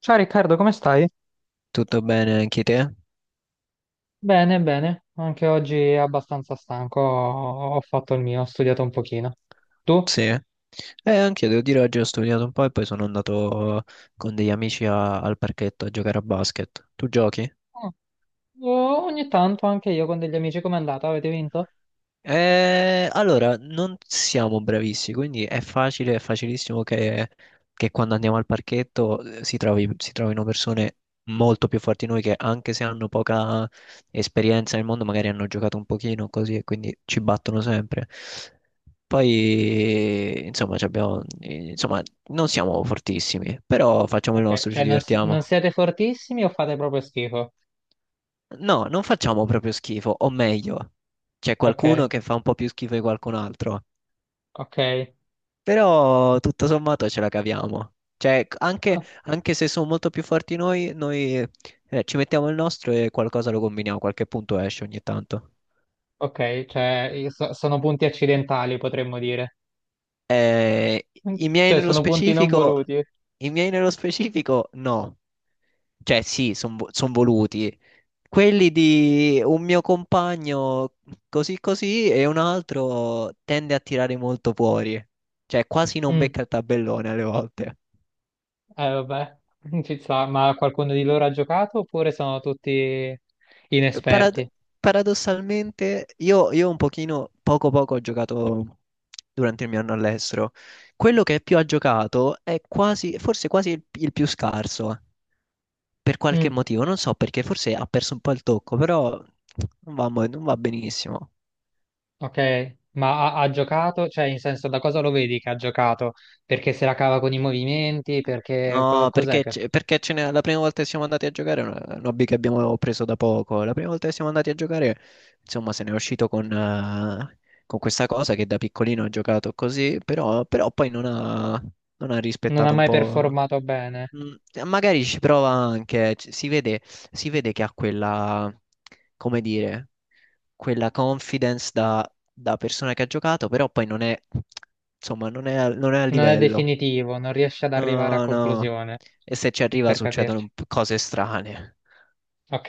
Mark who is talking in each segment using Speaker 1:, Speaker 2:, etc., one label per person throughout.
Speaker 1: Ciao Riccardo, come stai?
Speaker 2: Tutto bene anche te?
Speaker 1: Bene, bene, anche oggi è abbastanza stanco, ho fatto il mio, ho studiato un pochino. Tu? Oh,
Speaker 2: Sì. Anche io devo dire oggi ho studiato un po' e poi sono andato con degli amici al parchetto a giocare a basket. Tu giochi?
Speaker 1: Oh, ogni tanto anche io con degli amici, com'è andata? Avete vinto?
Speaker 2: Allora, non siamo bravissimi, quindi è facile, è facilissimo che quando andiamo al parchetto si trovino persone molto più forti di noi che, anche se hanno poca esperienza nel mondo, magari hanno giocato un pochino così, e quindi ci battono sempre. Poi, insomma, insomma, non siamo fortissimi, però facciamo il
Speaker 1: Ok,
Speaker 2: nostro, ci
Speaker 1: cioè non
Speaker 2: divertiamo.
Speaker 1: siete fortissimi o fate proprio schifo?
Speaker 2: No, non facciamo proprio schifo, o meglio, c'è
Speaker 1: Ok,
Speaker 2: qualcuno che fa un po' più schifo di qualcun altro.
Speaker 1: ok.
Speaker 2: Però tutto sommato ce la caviamo. Cioè, anche,
Speaker 1: Ah,
Speaker 2: anche se sono molto più forti noi, ci mettiamo il nostro e qualcosa lo combiniamo, qualche punto esce ogni tanto.
Speaker 1: ok, cioè io sono punti accidentali potremmo dire,
Speaker 2: Eh, i miei
Speaker 1: cioè
Speaker 2: nello
Speaker 1: sono punti non
Speaker 2: specifico,
Speaker 1: voluti.
Speaker 2: i miei nello specifico no. Cioè, sì, sono voluti. Quelli di un mio compagno così così, e un altro tende a tirare molto fuori. Cioè, quasi non
Speaker 1: Mm,
Speaker 2: becca il tabellone alle volte.
Speaker 1: eh vabbè, ci sta, ma qualcuno di loro ha giocato oppure sono tutti
Speaker 2: parad-
Speaker 1: inesperti?
Speaker 2: Paradossalmente, io un pochino, poco poco ho giocato durante il mio anno all'estero. Quello che più ha giocato è quasi, forse quasi il più scarso, eh. Per qualche
Speaker 1: Mm.
Speaker 2: motivo, non so perché, forse ha perso un po' il tocco, però non va, non va benissimo.
Speaker 1: Ok, ma ha giocato, cioè in senso da cosa lo vedi che ha giocato? Perché se la cava con i movimenti, perché
Speaker 2: No,
Speaker 1: cos'è
Speaker 2: perché,
Speaker 1: che
Speaker 2: perché la prima volta che siamo andati a giocare è un hobby che abbiamo preso da poco. La prima volta che siamo andati a giocare, insomma, se ne è uscito con questa cosa che da piccolino ha giocato così, però, poi non ha, non ha
Speaker 1: non ha
Speaker 2: rispettato un
Speaker 1: mai
Speaker 2: po'.
Speaker 1: performato bene?
Speaker 2: Mm, magari ci prova anche, si vede che ha come dire, quella confidence da, da persona che ha giocato, però poi non è, insomma, non è, non è a
Speaker 1: Non è
Speaker 2: livello.
Speaker 1: definitivo, non riesce ad arrivare a
Speaker 2: No, no.
Speaker 1: conclusione,
Speaker 2: E se ci arriva
Speaker 1: per
Speaker 2: succedono un
Speaker 1: capirci.
Speaker 2: cose strane.
Speaker 1: Ok,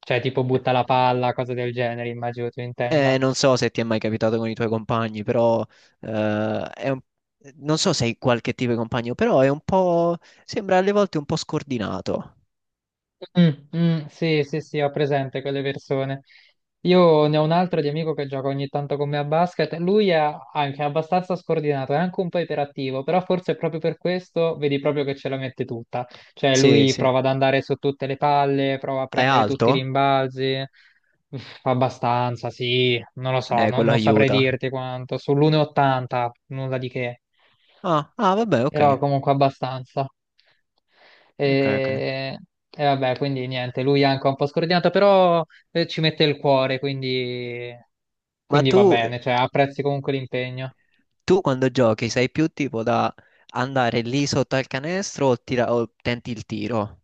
Speaker 1: cioè tipo butta la palla, cose del genere, immagino tu intenda.
Speaker 2: Non so se ti è mai capitato con i tuoi compagni, però eh, è un- non so se hai qualche tipo di compagno, però è un po'... sembra alle volte un po' scordinato.
Speaker 1: Mm, mm, sì, sì, sì, ho presente quelle persone. Io ne ho un altro di amico che gioca ogni tanto con me a basket. Lui è anche abbastanza scordinato, è anche un po' iperattivo, però forse proprio per questo vedi proprio che ce la mette tutta. Cioè,
Speaker 2: Sì,
Speaker 1: lui
Speaker 2: sì.
Speaker 1: prova ad andare su tutte le palle, prova a
Speaker 2: È
Speaker 1: prendere tutti i
Speaker 2: alto?
Speaker 1: rimbalzi. Uff, abbastanza, sì, non lo so,
Speaker 2: Quello
Speaker 1: non saprei
Speaker 2: aiuta.
Speaker 1: dirti quanto. Sull'1,80, nulla di che.
Speaker 2: Ah, ah, vabbè, ok.
Speaker 1: Però comunque abbastanza.
Speaker 2: Ok, ok.
Speaker 1: E, e vabbè, quindi niente, lui è anche un po' scordinato, però ci mette il cuore, quindi,
Speaker 2: Ma
Speaker 1: quindi
Speaker 2: tu,
Speaker 1: va bene, cioè apprezzi comunque l'impegno.
Speaker 2: tu quando giochi sei più tipo da andare lì sotto al canestro o, o tenti il tiro?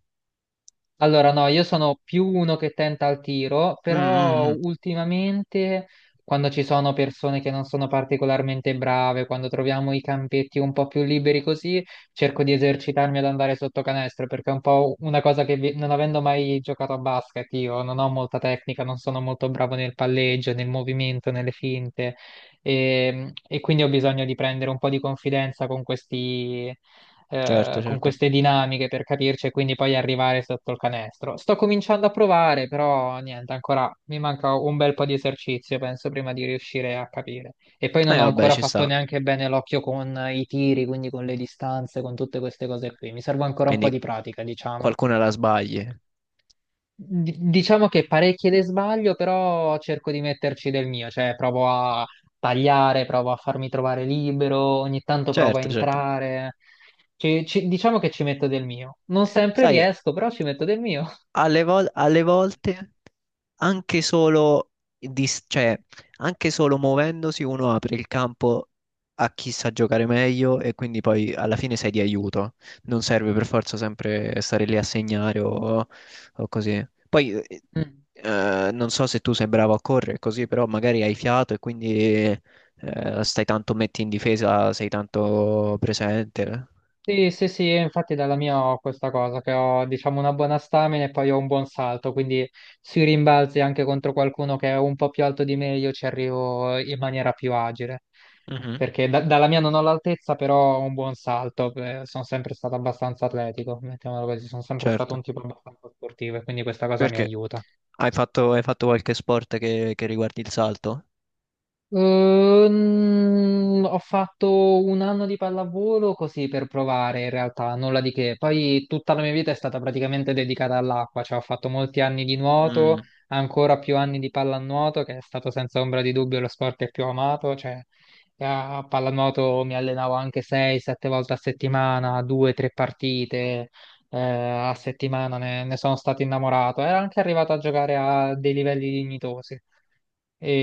Speaker 1: Allora, no, io sono più uno che tenta al tiro,
Speaker 2: Mm, mm,
Speaker 1: però
Speaker 2: mm.
Speaker 1: ultimamente quando ci sono persone che non sono particolarmente brave, quando troviamo i campetti un po' più liberi così, cerco di esercitarmi ad andare sotto canestro, perché è un po' una cosa che non avendo mai giocato a basket, io non ho molta tecnica, non sono molto bravo nel palleggio, nel movimento, nelle finte, e quindi ho bisogno di prendere un po' di confidenza con questi
Speaker 2: Certo,
Speaker 1: con
Speaker 2: certo.
Speaker 1: queste dinamiche per capirci e quindi poi arrivare sotto il canestro. Sto cominciando a provare, però niente, ancora mi manca un bel po' di esercizio, penso, prima di riuscire a capire. E poi non ho
Speaker 2: Vabbè,
Speaker 1: ancora
Speaker 2: ci
Speaker 1: fatto
Speaker 2: sta.
Speaker 1: neanche bene l'occhio con i tiri, quindi con le distanze, con tutte queste cose qui. Mi serve ancora un po'
Speaker 2: Quindi
Speaker 1: di pratica, diciamo.
Speaker 2: qualcuna la sbagli.
Speaker 1: Diciamo che parecchie le sbaglio, però cerco di metterci del mio, cioè provo a tagliare, provo a farmi trovare libero, ogni tanto provo a
Speaker 2: Certo, certo.
Speaker 1: entrare. Diciamo che ci metto del mio. Non sempre
Speaker 2: Sai,
Speaker 1: riesco, però ci metto del mio. Alle
Speaker 2: alle
Speaker 1: volte.
Speaker 2: volte anche cioè, anche solo muovendosi uno apre il campo a chi sa giocare meglio, e quindi poi alla fine sei di aiuto. Non serve per forza sempre stare lì a segnare, o così. Poi
Speaker 1: Mm.
Speaker 2: non so se tu sei bravo a correre così, però magari hai fiato, e quindi stai tanto, metti in difesa, sei tanto presente.
Speaker 1: Sì, sì, sì, io infatti dalla mia ho questa cosa, che ho diciamo una buona stamina e poi ho un buon salto, quindi sui rimbalzi anche contro qualcuno che è un po' più alto di me io ci arrivo in maniera più agile,
Speaker 2: Mhm.
Speaker 1: perché dalla mia non ho l'altezza, però ho un buon salto, sono sempre stato abbastanza atletico, mettiamolo così, sono sempre stato un
Speaker 2: Certo.
Speaker 1: tipo abbastanza sportivo e quindi questa cosa mi
Speaker 2: Perché?
Speaker 1: aiuta.
Speaker 2: Hai fatto qualche sport che riguardi il salto?
Speaker 1: Ho fatto un anno di pallavolo così per provare, in realtà, nulla di che. Poi tutta la mia vita è stata praticamente dedicata all'acqua, cioè ho fatto molti anni di nuoto,
Speaker 2: Mm.
Speaker 1: ancora più anni di pallanuoto, che è stato senza ombra di dubbio lo sport che più ho amato, cioè a pallanuoto mi allenavo anche 6-7 volte a settimana, 2-3 partite. A settimana ne sono stato innamorato. Era anche arrivato a giocare a dei livelli dignitosi.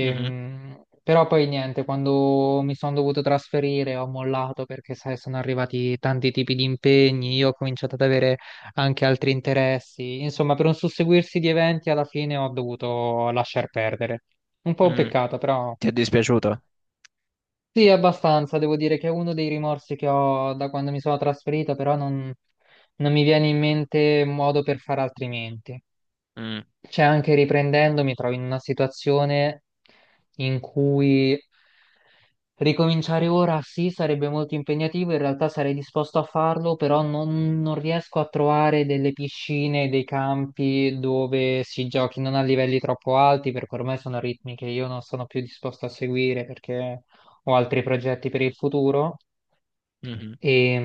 Speaker 2: Mhm.
Speaker 1: Però poi niente, quando mi sono dovuto trasferire ho mollato perché sai, sono arrivati tanti tipi di impegni, io ho cominciato ad avere anche altri interessi. Insomma, per un susseguirsi di eventi alla fine ho dovuto lasciar perdere. Un po' un
Speaker 2: Mm.
Speaker 1: peccato, però
Speaker 2: Ti è dispiaciuto?
Speaker 1: sì, abbastanza. Devo dire che è uno dei rimorsi che ho da quando mi sono trasferito, però non mi viene in mente un modo per fare altrimenti.
Speaker 2: Mm.
Speaker 1: Cioè, anche riprendendo, mi trovo in una situazione in cui ricominciare ora sì, sarebbe molto impegnativo, in realtà sarei disposto a farlo, però non riesco a trovare delle piscine, dei campi dove si giochi non a livelli troppo alti, perché ormai sono ritmi che io non sono più disposto a seguire perché ho altri progetti per il futuro
Speaker 2: Mhm.
Speaker 1: e,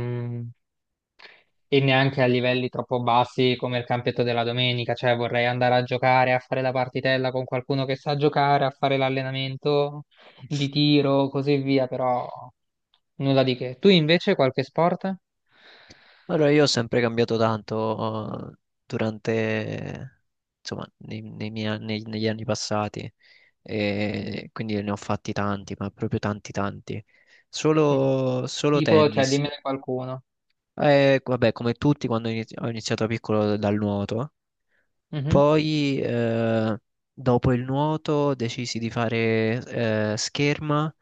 Speaker 1: e neanche a livelli troppo bassi come il campetto della domenica, cioè vorrei andare a giocare, a fare la partitella con qualcuno che sa giocare, a fare l'allenamento di tiro, così via, però... Nulla di che. Tu invece qualche sport?
Speaker 2: Allora, io ho sempre cambiato tanto durante, insomma, negli anni passati, e quindi ne ho fatti tanti, ma proprio tanti, tanti.
Speaker 1: Mm.
Speaker 2: Solo, solo
Speaker 1: Tipo, cioè,
Speaker 2: tennis.
Speaker 1: dimmene qualcuno.
Speaker 2: Vabbè, come tutti, quando ho iniziato piccolo dal nuoto.
Speaker 1: Mhm.
Speaker 2: Poi, dopo il nuoto, decisi di fare scherma,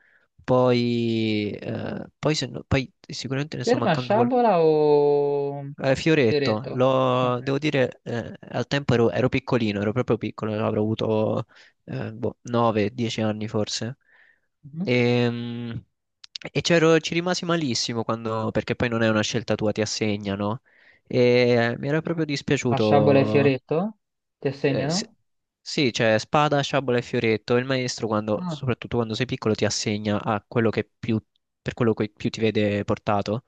Speaker 2: poi, poi se no- poi sicuramente ne sto
Speaker 1: Ferma a
Speaker 2: mancando qualcuno.
Speaker 1: sciabola o
Speaker 2: Fioretto.
Speaker 1: fioretto? Ok.
Speaker 2: Devo dire, al tempo ero, ero piccolino, ero proprio piccolo, avrò avuto boh, 9-10 anni forse.
Speaker 1: Mhm.
Speaker 2: Ehm, ci rimasi malissimo quando, perché poi non è una scelta tua, ti assegnano. E mi era proprio
Speaker 1: A sciabola e
Speaker 2: dispiaciuto.
Speaker 1: fioretto? Ti
Speaker 2: Eh, sì,
Speaker 1: assegnano?
Speaker 2: sì, c'è spada, sciabola e fioretto. Il maestro,
Speaker 1: Ah,
Speaker 2: soprattutto quando sei piccolo, ti assegna a quello che per quello che più ti vede portato.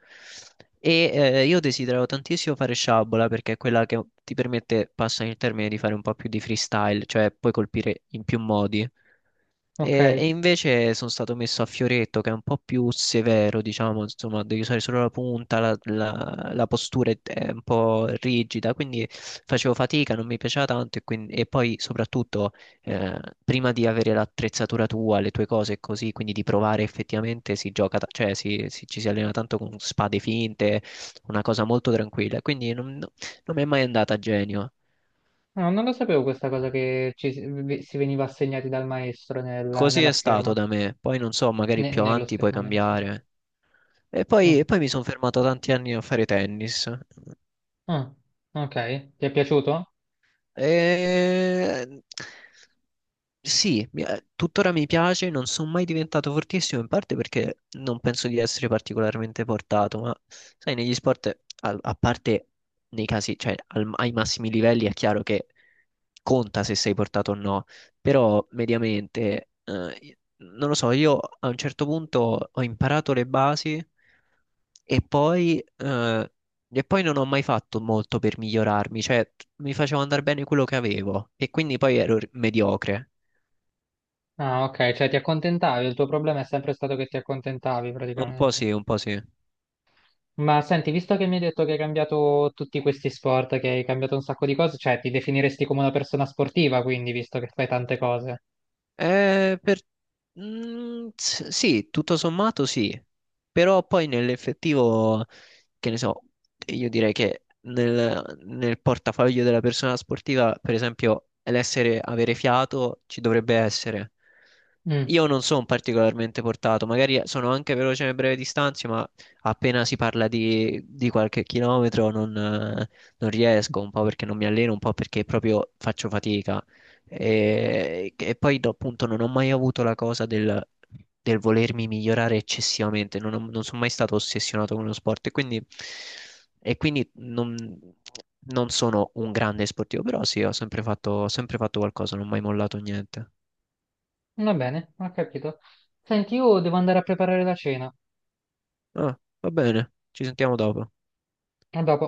Speaker 2: E io desideravo tantissimo fare sciabola, perché è quella che ti permette, passami il termine, di fare un po' più di freestyle, cioè puoi colpire in più modi.
Speaker 1: ok.
Speaker 2: E invece sono stato messo a fioretto, che è un po' più severo, diciamo, insomma, devi usare solo la punta, la postura è un po' rigida, quindi facevo fatica, non mi piaceva tanto, e quindi, e poi soprattutto prima di avere l'attrezzatura tua, le tue cose e così, quindi di provare effettivamente si gioca, cioè ci si allena tanto con spade finte, una cosa molto tranquilla, quindi non, non mi è mai andata a genio.
Speaker 1: No, non lo sapevo questa cosa che ci si si veniva assegnati dal maestro
Speaker 2: Così
Speaker 1: nella
Speaker 2: è stato
Speaker 1: scherma.
Speaker 2: da me, poi non so, magari più avanti puoi
Speaker 1: Nello schermo.
Speaker 2: cambiare. E
Speaker 1: Mm.
Speaker 2: poi mi sono fermato tanti anni a fare tennis.
Speaker 1: Ah, ok. Ti è piaciuto?
Speaker 2: E... sì, tuttora mi piace, non sono mai diventato fortissimo, in parte perché non penso di essere particolarmente portato, ma sai, negli sport, a parte nei casi, cioè ai massimi livelli è chiaro che conta se sei portato o no, però mediamente, non lo so, io a un certo punto ho imparato le basi, e poi, eh, e poi non ho mai fatto molto per migliorarmi, cioè mi facevo andare bene quello che avevo, e quindi poi ero mediocre.
Speaker 1: Ah, ok, cioè ti accontentavi, il tuo problema è sempre stato che ti accontentavi
Speaker 2: Un po'
Speaker 1: praticamente.
Speaker 2: sì, un po' sì.
Speaker 1: Ma senti, visto che mi hai detto che hai cambiato tutti questi sport, che hai cambiato un sacco di cose, cioè ti definiresti come una persona sportiva, quindi, visto che fai tante cose.
Speaker 2: Per... mm, sì, tutto sommato sì, però poi nell'effettivo, che ne so, io direi che nel portafoglio della persona sportiva, per esempio, avere fiato ci dovrebbe essere.
Speaker 1: Mm,
Speaker 2: Io non sono particolarmente portato, magari sono anche veloce nelle brevi distanze, ma appena si parla di qualche chilometro non, non riesco, un po' perché non mi alleno, un po' perché proprio faccio fatica. E poi appunto non ho mai avuto la cosa del volermi migliorare eccessivamente, non sono mai stato ossessionato con lo sport, e quindi non, non sono un grande sportivo, però sì, ho sempre fatto qualcosa, non ho mai mollato niente.
Speaker 1: va bene, ho capito. Senti, io devo andare a preparare la cena.
Speaker 2: Ah, va bene, ci sentiamo dopo.
Speaker 1: A dopo.